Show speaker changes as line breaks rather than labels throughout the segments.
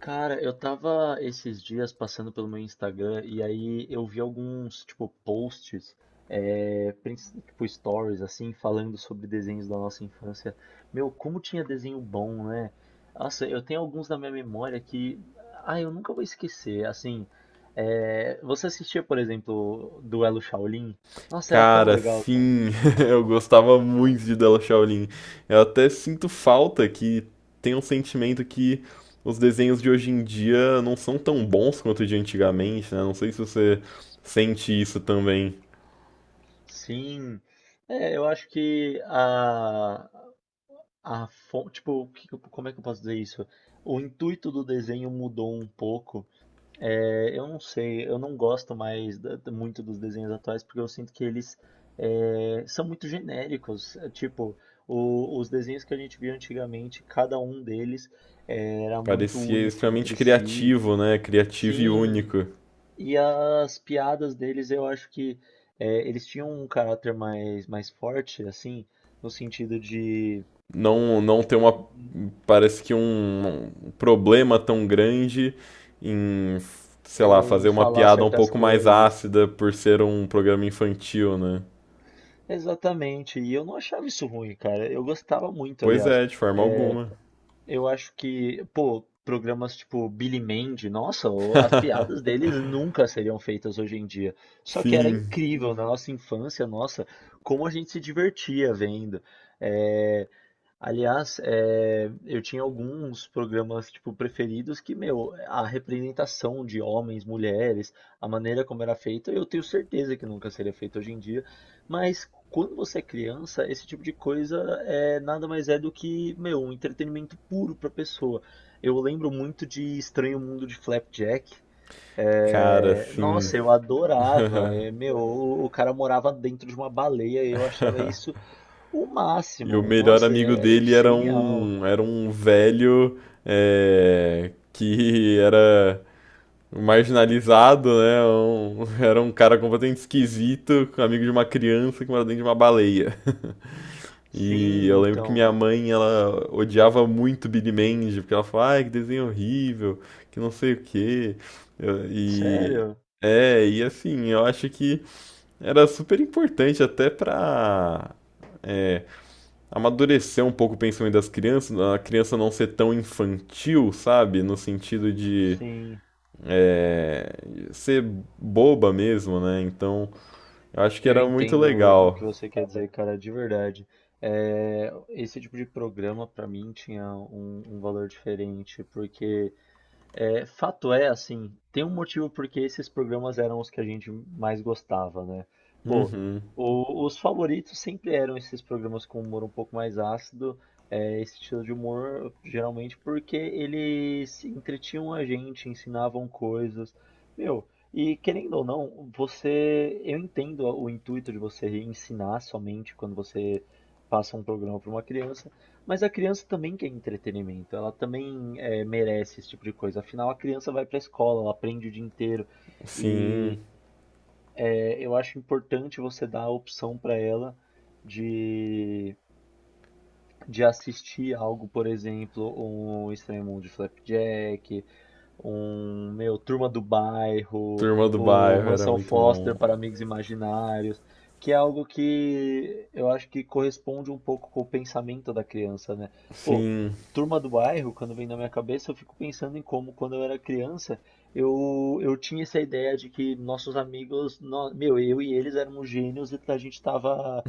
Cara, eu tava esses dias passando pelo meu Instagram e aí eu vi alguns, tipo, posts, stories, assim, falando sobre desenhos da nossa infância. Meu, como tinha desenho bom, né? Nossa, eu tenho alguns na minha memória que, ah, eu nunca vou esquecer. Assim, você assistia, por exemplo, Duelo Shaolin? Nossa, era tão
Cara,
legal, cara.
sim, eu gostava muito de Della Shaolin. Eu até sinto falta que tem um sentimento que os desenhos de hoje em dia não são tão bons quanto de antigamente, né? Não sei se você sente isso também.
Sim, eu acho que o que que como é que eu posso dizer isso? O intuito do desenho mudou um pouco. É, eu não sei, eu não gosto mais muito dos desenhos atuais porque eu sinto que eles são muito genéricos. É, tipo, os desenhos que a gente via antigamente, cada um deles, era muito
Parecia
único
extremamente
entre si.
criativo, né? Criativo e
Sim,
único.
e as piadas deles eu acho que, eles tinham um caráter mais, mais forte, assim, no sentido de,
Não, não ter uma, parece que um problema tão grande em, sei lá, fazer
em
uma
falar
piada um
certas
pouco mais
coisas.
ácida por ser um programa infantil, né?
Exatamente, e eu não achava isso ruim, cara. Eu gostava muito,
Pois
aliás.
é, de forma
É,
alguma.
eu acho que, pô, programas tipo Billy Mandy, nossa, as piadas deles nunca seriam feitas hoje em dia. Só que era
Sim,
incrível na nossa infância, nossa, como a gente se divertia vendo. É, aliás, eu tinha alguns programas tipo preferidos que, meu, a representação de homens, mulheres, a maneira como era feita, eu tenho certeza que nunca seria feita hoje em dia. Mas quando você é criança, esse tipo de coisa nada mais é do que, meu, um entretenimento puro para a pessoa. Eu lembro muito de Estranho Mundo de Flapjack.
cara,
É,
sim.
nossa, eu adorava. É, meu, o cara morava dentro de uma baleia e eu achava isso o
E o
máximo.
melhor
Nossa,
amigo
é
dele era
genial.
um velho que era marginalizado, né? Um- era um cara completamente esquisito, amigo de uma criança que mora dentro de uma baleia. E eu
Sim,
lembro que
então.
minha mãe, ela odiava muito Billy Mandy, porque ela falava, ai, que desenho horrível, que não sei o quê. Eu- e
Sério?
e assim, eu acho que era super importante até pra é, amadurecer um pouco o pensamento das crianças, a criança não ser tão infantil, sabe? No sentido de
Sim.
é, ser boba mesmo, né? Então, eu acho que
Eu
era muito
entendo o que
legal.
você quer dizer, cara, de verdade. É, esse tipo de programa, pra mim, tinha um, um valor diferente, porque, é, fato é, assim, tem um motivo porque esses programas eram os que a gente mais gostava, né? Pô,
Uhum,
os favoritos sempre eram esses programas com humor um pouco mais ácido, esse estilo de humor, geralmente, porque eles entretinham a gente, ensinavam coisas. Meu, e querendo ou não, eu entendo o intuito de você ensinar somente quando você passa um programa para uma criança, mas a criança também quer entretenimento, ela também, merece esse tipo de coisa. Afinal, a criança vai para a escola, ela aprende o dia inteiro.
sim.
E, eu acho importante você dar a opção para ela de, de assistir algo, por exemplo, um Estranho Mundo de Flapjack, um, meu, Turma do Bairro,
Turma do
o
Bairro era
Mansão
muito
Foster
bom.
para Amigos Imaginários, que é algo que eu acho que corresponde um pouco com o pensamento da criança, né? Pô,
Sim,
Turma do Bairro, quando vem na minha cabeça, eu fico pensando em como, quando eu era criança, eu tinha essa ideia de que nossos amigos, meu, eu e eles éramos gênios e a gente estava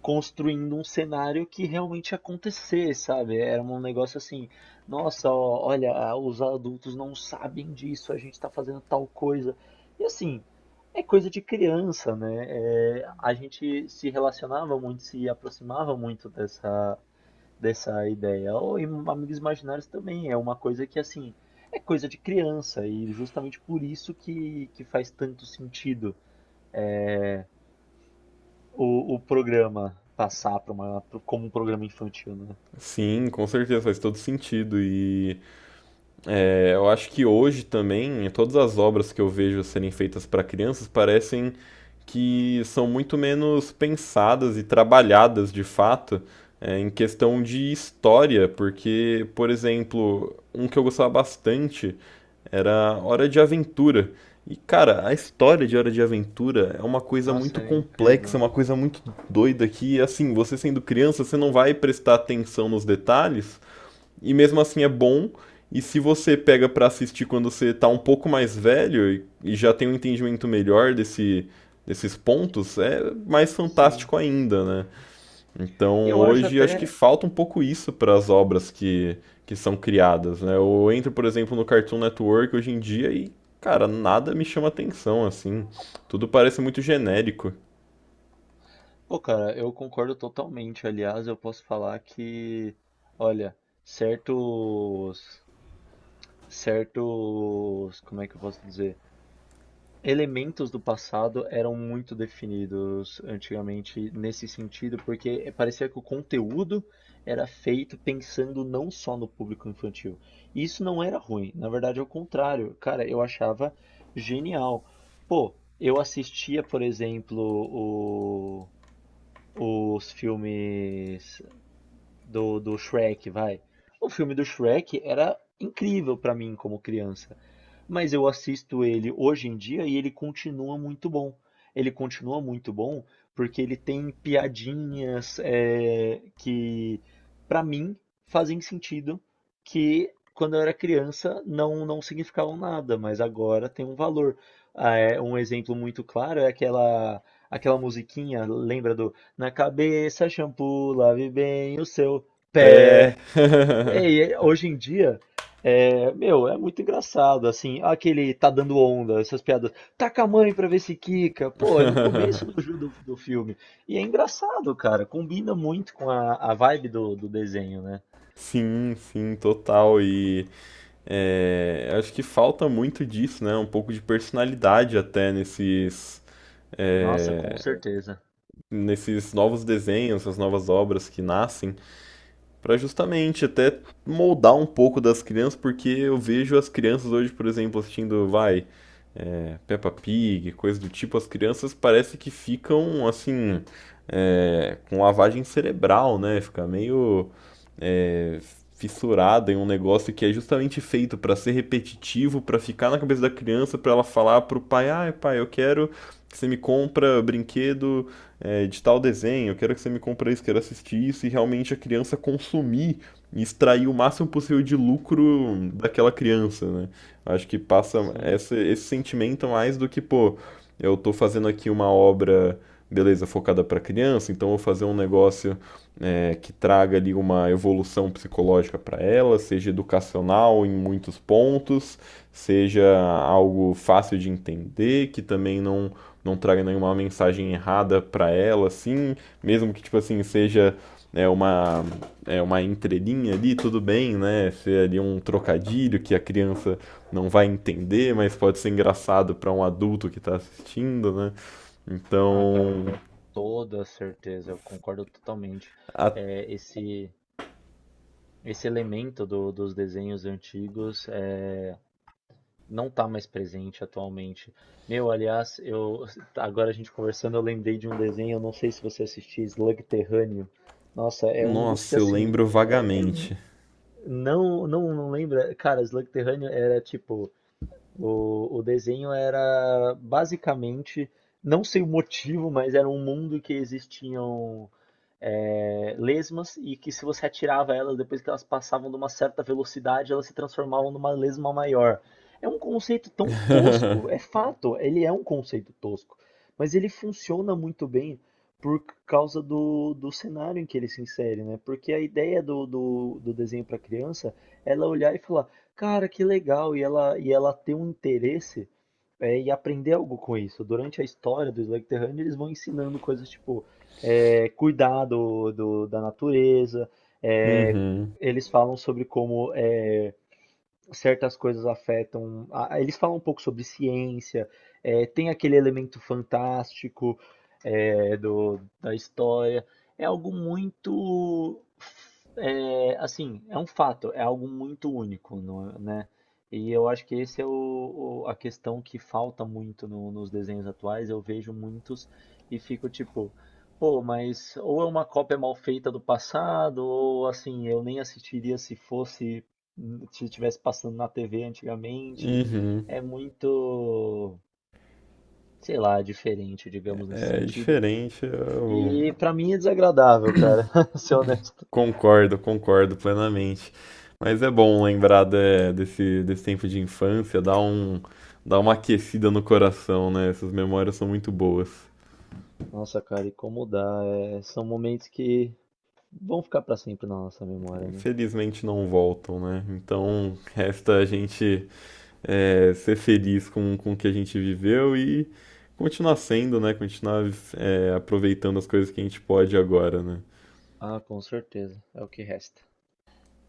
construindo um cenário que realmente ia acontecer, sabe? Era um negócio assim, nossa, olha, ah, os adultos não sabem disso, a gente está fazendo tal coisa. E assim, é coisa de criança, né? É, a gente se relacionava muito, se aproximava muito dessa, dessa ideia. Ou em Amigos Imaginários também, é uma coisa que, assim, é coisa de criança, e justamente por isso que faz tanto sentido, é, o programa passar pra uma, como um programa infantil, né?
sim, com certeza, faz todo sentido. E eu acho que hoje também, todas as obras que eu vejo serem feitas para crianças parecem que são muito menos pensadas e trabalhadas de fato em questão de história, porque, por exemplo, um que eu gostava bastante era Hora de Aventura. E, cara, a história de Hora de Aventura é uma coisa
Nossa,
muito
é
complexa, é
incrível.
uma coisa muito doida que, assim, você sendo criança, você não vai prestar atenção nos detalhes, e mesmo assim é bom. E se você pega pra assistir quando você tá um pouco mais velho e já tem um entendimento melhor desse, desses pontos, é mais
Sim.
fantástico ainda, né? Então,
Eu acho
hoje acho que
até,
falta um pouco isso para as obras que são criadas, né? Eu entro, por exemplo, no Cartoon Network hoje em dia e, cara, nada me chama atenção, assim. Tudo parece muito genérico.
pô, cara, eu concordo totalmente. Aliás, eu posso falar que, olha, certos, certos, como é que eu posso dizer? Elementos do passado eram muito definidos antigamente nesse sentido, porque parecia que o conteúdo era feito pensando não só no público infantil. E isso não era ruim, na verdade, é o contrário. Cara, eu achava genial. Pô, eu assistia, por exemplo, os filmes do Shrek, vai. O filme do Shrek era incrível pra mim como criança, mas eu assisto ele hoje em dia e ele continua muito bom. Ele continua muito bom porque ele tem piadinhas, que, pra mim, fazem sentido, que quando eu era criança não significavam nada, mas agora tem um valor. Ah, é, um exemplo muito claro é aquela musiquinha, lembra do na cabeça, shampoo, lave bem o seu
É.
pé. Ei, hoje em dia, é, meu, é muito engraçado, assim, aquele tá dando onda, essas piadas. Taca a mãe pra ver se quica. Pô, é no começo do, do filme. E é engraçado, cara, combina muito com a vibe do desenho, né?
Sim, sim, total. E acho que falta muito disso, né? Um pouco de personalidade até nesses,
Nossa, com
é,
certeza.
nesses novos desenhos, essas novas obras que nascem. Para justamente até moldar um pouco das crianças, porque eu vejo as crianças hoje, por exemplo, assistindo, vai, Peppa Pig, coisa do tipo, as crianças parece que ficam, assim, com lavagem cerebral, né? Fica meio é, fissurada em um negócio que é justamente feito para ser repetitivo, para ficar na cabeça da criança, para ela falar pro pai: "Ah, pai, eu quero que você me compra brinquedo de tal desenho, eu quero que você me compra isso, quero assistir isso", e realmente a criança consumir e extrair o máximo possível de lucro daquela criança, né? Acho que passa
Sim.
essa- esse sentimento mais do que, pô, eu tô fazendo aqui uma obra, beleza, focada para criança, então eu vou fazer um negócio que traga ali uma evolução psicológica para ela, seja educacional em muitos pontos, seja algo fácil de entender, que também não, não traga nenhuma mensagem errada para ela, assim, mesmo que tipo assim seja é uma é uma entrelinha ali, tudo bem, né? Ser ali um trocadilho que a criança não vai entender, mas pode ser engraçado para um adulto que está assistindo, né?
Ah, cara,
Então,
com toda certeza, eu concordo totalmente.
a-
É, esse elemento dos desenhos antigos é não tá mais presente atualmente. Meu, aliás, eu agora a gente conversando, eu lembrei de um desenho, eu não sei se você assistiu, Slug Terrâneo. Nossa, é um dos que
nossa, eu
assim,
lembro
é- é um-
vagamente.
não, não, não lembra. Cara, Slug Terrâneo era tipo, o desenho era basicamente, não sei o motivo, mas era um mundo que existiam, lesmas e que se você atirava elas depois que elas passavam de uma certa velocidade, elas se transformavam numa lesma maior. É um conceito tão tosco, é fato, ele é um conceito tosco, mas ele funciona muito bem por causa do cenário em que ele se insere, né? Porque a ideia do desenho para criança é ela olhar e falar, cara, que legal, e e ela ter um interesse, e aprender algo com isso. Durante a história do Slug Terrâneo, eles vão ensinando coisas tipo, é, cuidar da natureza. É,
Uhum,
eles falam sobre como é, certas coisas afetam. Eles falam um pouco sobre ciência, é, tem aquele elemento fantástico, é, da história. É algo muito, é, assim, é um fato, é algo muito único, não é- né? E eu acho que esse é a questão que falta muito nos desenhos atuais. Eu vejo muitos e fico tipo, pô, mas ou é uma cópia mal feita do passado, ou assim, eu nem assistiria se estivesse passando na TV antigamente.
uhum.
É muito, sei lá, diferente, digamos, nesse
É
sentido.
diferente, eu
E pra mim é desagradável, cara, ser honesto.
concordo, concordo plenamente. Mas é bom lembrar de- desse, desse tempo de infância, dá um, dá uma aquecida no coração, né? Essas memórias são muito boas.
Nossa, cara, e como dá? É, são momentos que vão ficar pra sempre na nossa memória, né?
Infelizmente não voltam, né? Então resta a gente ser feliz com o que a gente viveu e continuar sendo, né? Continuar aproveitando as coisas que a gente pode agora, né?
Ah, com certeza. É o que resta.